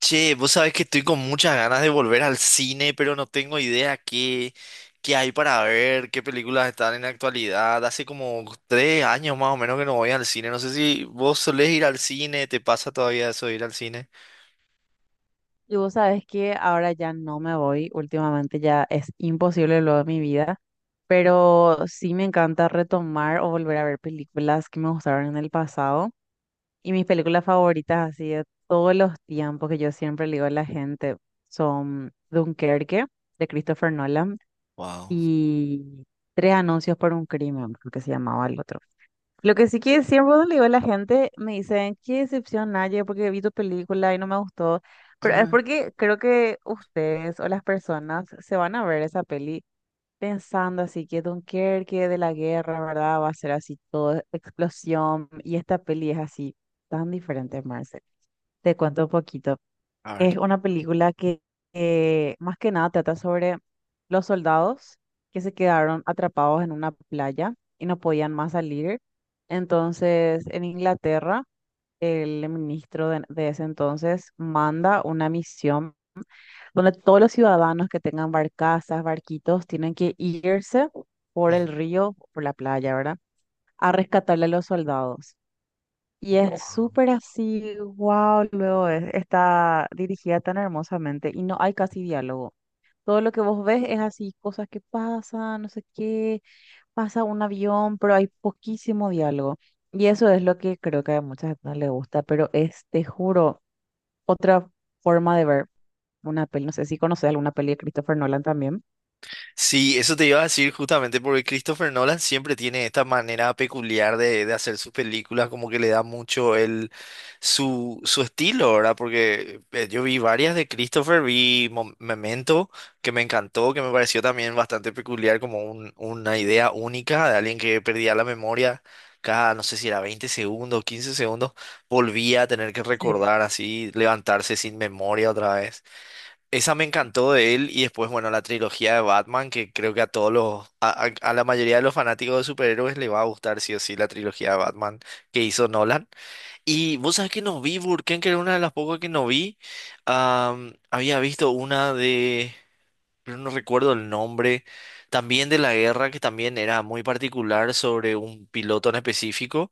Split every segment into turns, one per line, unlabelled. Che, vos sabés que estoy con muchas ganas de volver al cine, pero no tengo idea qué hay para ver, qué películas están en la actualidad. Hace como tres años más o menos que no voy al cine. No sé si vos solés ir al cine, ¿te pasa todavía eso de ir al cine?
Y vos sabés que ahora ya no me voy, últimamente ya es imposible lo de mi vida, pero sí me encanta retomar o volver a ver películas que me gustaron en el pasado. Y mis películas favoritas, así de todos los tiempos que yo siempre le digo a la gente, son Dunkerque, de Christopher Nolan,
Wow.
y Tres anuncios por un crimen, creo que se llamaba el otro. Lo que sí que siempre cuando le digo a la gente, me dicen, qué decepción, Naye, porque vi tu película y no me gustó. Pero es
A
porque creo que ustedes o las personas se van a ver esa peli pensando así que Dunkerque de la guerra, ¿verdad? Va a ser así todo explosión. Y esta peli es así, tan diferente, Marcel. Te cuento un poquito.
ver.
Es una película que más que nada trata sobre los soldados que se quedaron atrapados en una playa y no podían más salir. Entonces, en Inglaterra, el ministro de ese entonces manda una misión donde todos los ciudadanos que tengan barcazas, barquitos, tienen que irse por
Ujú.
el río, por la playa, ¿verdad? A rescatarle a los soldados. Y es súper así, wow, luego está dirigida tan hermosamente y no hay casi diálogo. Todo lo que vos ves es así, cosas que pasan, no sé qué, pasa un avión, pero hay poquísimo diálogo. Y eso es lo que creo que a mucha gente no le gusta, pero es, te juro, otra forma de ver una peli. No sé si conoces alguna peli de Christopher Nolan también.
Sí, eso te iba a decir justamente porque Christopher Nolan siempre tiene esta manera peculiar de hacer sus películas, como que le da mucho el su estilo, ¿verdad? Porque yo vi varias de Christopher, vi Memento, que me encantó, que me pareció también bastante peculiar, como una idea única de alguien que perdía la memoria cada, no sé si era 20 segundos, 15 segundos, volvía a tener que
Sí,
recordar así, levantarse sin memoria otra vez. Esa me encantó de él y después, bueno, la trilogía de Batman, que creo que a todos a la mayoría de los fanáticos de superhéroes le va a gustar sí o sí la trilogía de Batman que hizo Nolan. Y vos sabés que no vi Burken, que era una de las pocas que no vi. Había visto una de pero no recuerdo el nombre, también de la guerra, que también era muy particular sobre un piloto en específico,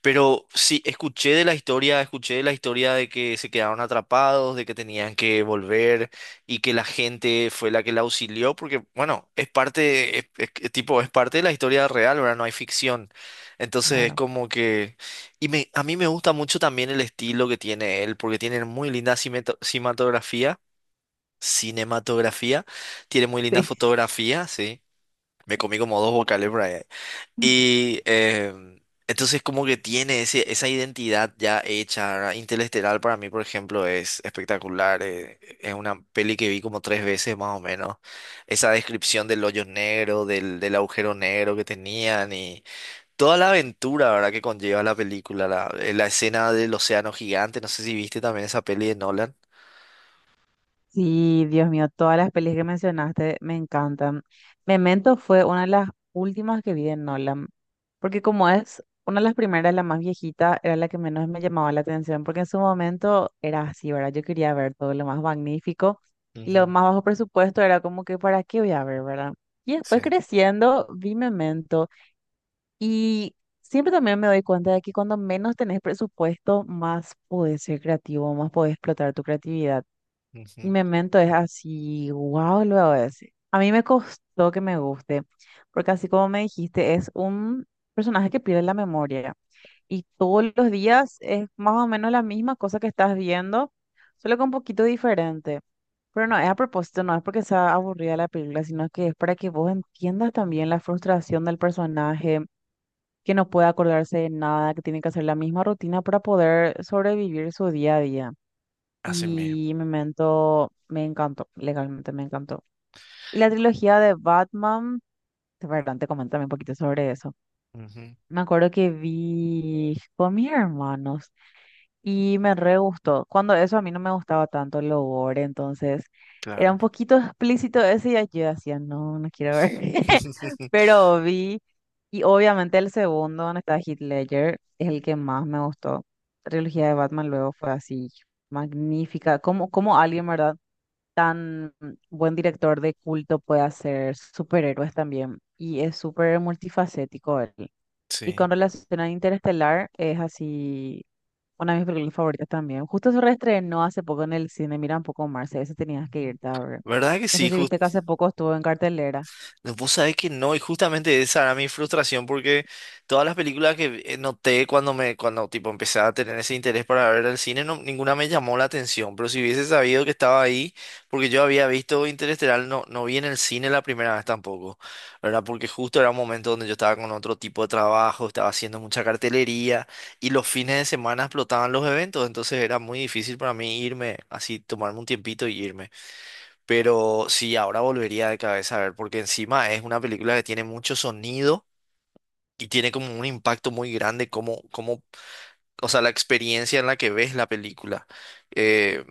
pero sí, escuché de la historia, escuché de la historia de que se quedaron atrapados, de que tenían que volver y que la gente fue la que la auxilió, porque bueno, es parte, es que, tipo, es parte de la historia real, ahora no hay ficción. Entonces es
claro.
como que... Y a mí me gusta mucho también el estilo que tiene él, porque tiene muy linda cinematografía. Tiene muy linda fotografía, sí. Me comí como dos vocales por ahí. Y entonces como que tiene esa identidad ya hecha, ¿verdad? Interestelar para mí, por ejemplo, es espectacular. Es una peli que vi como tres veces más o menos. Esa descripción del hoyo negro, del agujero negro que tenían y toda la aventura, ¿verdad?, que conlleva la película. La escena del océano gigante. No sé si viste también esa peli de Nolan.
Sí, Dios mío, todas las pelis que mencionaste me encantan. Memento fue una de las últimas que vi de Nolan, porque como es una de las primeras, la más viejita, era la que menos me llamaba la atención, porque en su momento era así, ¿verdad? Yo quería ver todo lo más magnífico y lo
Ujú.
más bajo presupuesto era como que, ¿para qué voy a ver, verdad? Y
Sí.
después creciendo, vi Memento y siempre también me doy cuenta de que cuando menos tenés presupuesto, más podés ser creativo, más podés explotar tu creatividad. Y
Ujú.
Memento es así, wow, luego ese. A mí me costó que me guste, porque así como me dijiste, es un personaje que pierde la memoria. Y todos los días es más o menos la misma cosa que estás viendo, solo que un poquito diferente. Pero no, es a propósito, no es porque sea aburrida la película, sino que es para que vos entiendas también la frustración del personaje, que no puede acordarse de nada, que tiene que hacer la misma rutina para poder sobrevivir su día a día
Así mismo.
y Memento me encantó, legalmente me encantó. Y la trilogía de Batman, de verdad, te comento un poquito sobre eso.
Ujú.
Me acuerdo que vi con mis hermanos y me re gustó. Cuando eso a mí no me gustaba tanto el gore, entonces era
Claro.
un poquito explícito ese y yo decía, no, no quiero ver. Pero vi, y obviamente el segundo, donde está Heath Ledger, es el que más me gustó. La trilogía de Batman luego fue así, magnífica. Como, como alguien, ¿verdad? Tan buen director de culto puede hacer superhéroes también. Y es súper multifacético él. Y
Sí.
con relación a Interestelar, es así una de mis películas favoritas también. Justo se reestrenó hace poco en el cine, mira un poco Marce, ese tenías que
Ujú.
irte a ver.
¿Verdad que
No sé
sí?
si viste que hace poco estuvo en cartelera.
No, vos sabés que no, y justamente esa era mi frustración porque todas las películas que noté cuando me, cuando tipo empecé a tener ese interés para ver el cine, ninguna me llamó la atención. Pero si hubiese sabido que estaba ahí, porque yo había visto Interestelar, no, no vi en el cine la primera vez tampoco, ¿verdad? Porque justo era un momento donde yo estaba con otro tipo de trabajo, estaba haciendo mucha cartelería y los fines de semana explotaban los eventos, entonces era muy difícil para mí irme así, tomarme un tiempito y irme. Pero sí, ahora volvería de cabeza a ver, porque encima es una película que tiene mucho sonido y tiene como un impacto muy grande, o sea, la experiencia en la que ves la película eh,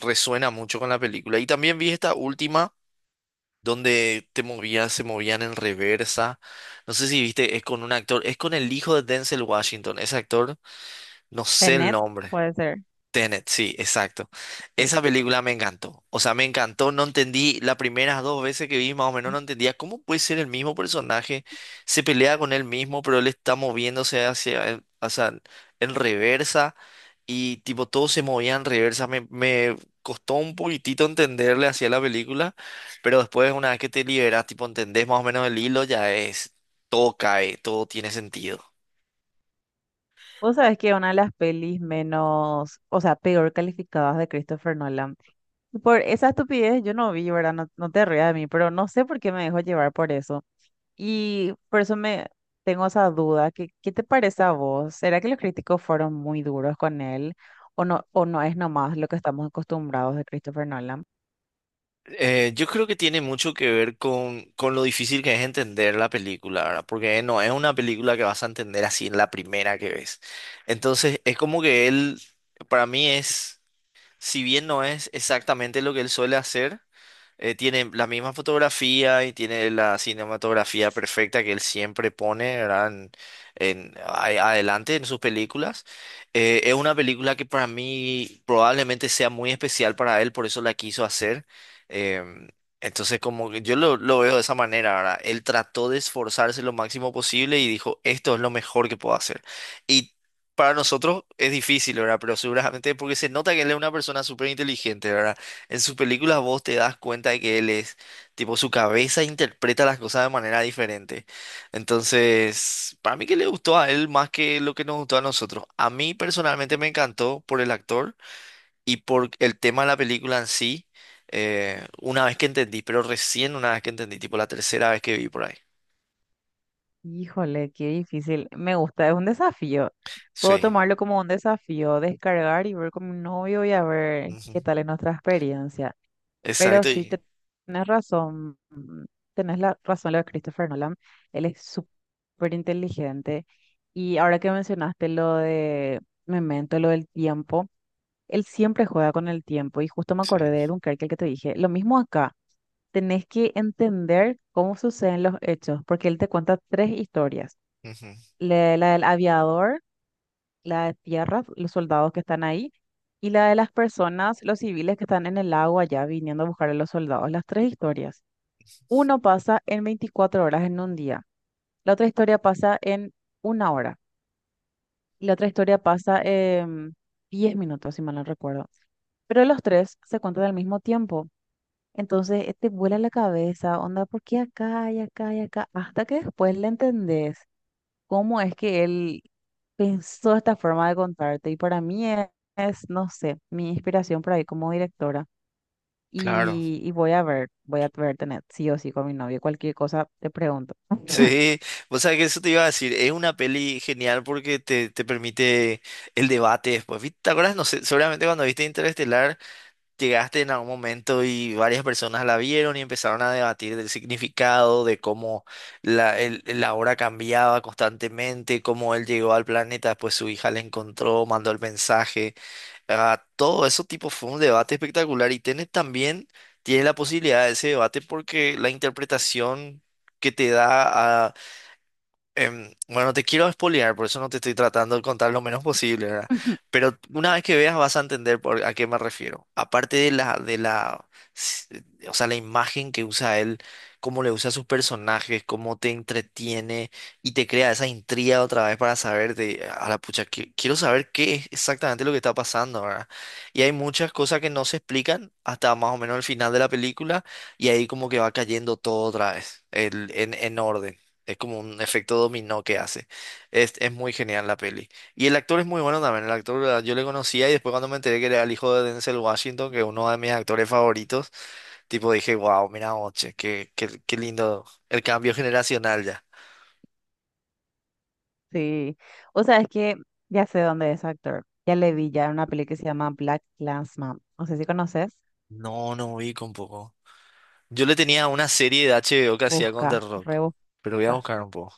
resuena mucho con la película. Y también vi esta última donde te movías, se movían en reversa. No sé si viste, es con un actor, es con el hijo de Denzel Washington, ese actor, no sé el
Tenet,
nombre.
puede ser.
Tenet, sí, exacto.
Sí.
Esa película me encantó. O sea, me encantó. No entendí las primeras dos veces que vi, más o menos no entendía cómo puede ser el mismo personaje. Se pelea con él mismo, pero él está moviéndose hacia, o sea, en reversa. Y tipo, todo se movía en reversa. Me costó un poquitito entenderle hacia la película. Pero después, una vez que te liberas, tipo, entendés más o menos el hilo, ya es, todo cae, todo tiene sentido.
Vos sabés que una de las pelis menos, o sea, peor calificadas de Christopher Nolan. Por esa estupidez yo no vi, ¿verdad? No, no te rías de mí, pero no sé por qué me dejó llevar por eso. Y por eso me tengo esa duda. ¿Qué te parece a vos? ¿Será que los críticos fueron muy duros con él? ¿O no es nomás lo que estamos acostumbrados de Christopher Nolan?
Yo creo que tiene mucho que ver con lo difícil que es entender la película, ¿verdad? Porque no es una película que vas a entender así en la primera que ves. Entonces, es como que él, para mí es, si bien no es exactamente lo que él suele hacer, tiene la misma fotografía y tiene la cinematografía perfecta que él siempre pone, ¿verdad? Adelante en sus películas. Es una película que para mí probablemente sea muy especial para él, por eso la quiso hacer. Em, entonces, como que yo lo veo de esa manera, ¿verdad? Él trató de esforzarse lo máximo posible y dijo, esto es lo mejor que puedo hacer. Y para nosotros es difícil, ¿verdad? Pero seguramente porque se nota que él es una persona súper inteligente, en sus películas vos te das cuenta de que él es, tipo, su cabeza interpreta las cosas de manera diferente. Entonces, para mí que le gustó a él más que lo que nos gustó a nosotros. A mí personalmente me encantó por el actor y por el tema de la película en sí, una vez que entendí, pero recién una vez que entendí, tipo la tercera vez que vi por ahí.
Híjole, qué difícil. Me gusta, es un desafío. Puedo
Sí.
tomarlo como un desafío, descargar y ver con mi novio y a ver
Ujú.
qué tal es nuestra experiencia. Pero
Exacto.
sí tenés razón, tenés la razón lo de Christopher Nolan, él es súper inteligente y ahora que mencionaste lo de Memento, lo del tiempo, él siempre juega con el tiempo y justo me acordé de
Sí.
Dunkerque, el que te dije, lo mismo acá, tenés que entender cómo suceden los hechos, porque él te cuenta tres historias,
Ujú.
la del aviador, la de tierra, los soldados que están ahí. Y la de las personas, los civiles que están en el agua allá viniendo a buscar a los soldados, las tres historias. Uno pasa en 24 horas en un día, la otra historia pasa en una hora y la otra historia pasa en 10 minutos, si mal no recuerdo. Pero los tres se cuentan al mismo tiempo. Entonces te vuela la cabeza, onda, ¿por qué acá y acá y acá? Hasta que después le entendés cómo es que él pensó esta forma de contarte. Y para mí es, no sé, mi inspiración por ahí como directora.
Claro.
Y voy a ver tener sí o sí con mi novio, cualquier cosa te pregunto.
Sí, o sea que eso te iba a decir, es una peli genial porque te permite el debate después. ¿Viste? ¿Te acuerdas? No sé, seguramente cuando viste Interestelar llegaste en algún momento y varias personas la vieron y empezaron a debatir del significado, de cómo la hora cambiaba constantemente, cómo él llegó al planeta, después su hija le encontró, mandó el mensaje. Ah, todo eso tipo fue un debate espectacular y tenés también, tiene la posibilidad de ese debate porque la interpretación que te da. Bueno, te quiero spoilear, por eso no te estoy tratando de contar lo menos posible, ¿verdad?
Ujú.
Pero una vez que veas vas a entender por a qué me refiero. Aparte de s- o sea, la imagen que usa él, cómo le usa a sus personajes, cómo te entretiene y te crea esa intriga otra vez para saber de, a la pucha, quiero saber qué es exactamente lo que está pasando, ¿verdad? Y hay muchas cosas que no se explican hasta más o menos el final de la película y ahí como que va cayendo todo otra vez, el, en orden. Es como un efecto dominó que hace. Es muy genial la peli. Y el actor es muy bueno también. El actor, ah, yo le conocía y después cuando me enteré que era el hijo de Denzel Washington, que es uno de mis actores favoritos, tipo dije, wow, mira, oche, qué lindo el cambio generacional ya.
Sí, o sea, es que ya sé dónde es actor. Ya le vi ya en una peli que se llama Black Klansman. No sé si conoces.
No, no vi con poco. Yo le tenía una serie de HBO que hacía con The
Busca,
Rock,
rebusca.
pero voy a buscar un poco.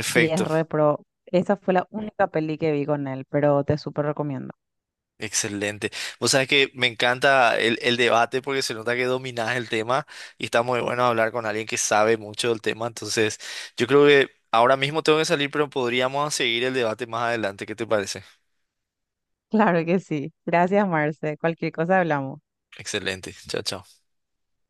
Sí, es re pro. Esa fue la única peli que vi con él, pero te súper recomiendo.
Excelente. Vos sabés que me encanta el debate porque se nota que dominás el tema y está muy bueno hablar con alguien que sabe mucho del tema. Entonces, yo creo que ahora mismo tengo que salir, pero podríamos seguir el debate más adelante. ¿Qué te parece?
Claro que sí. Gracias, Marce. Cualquier cosa hablamos.
Excelente. Chao, chao.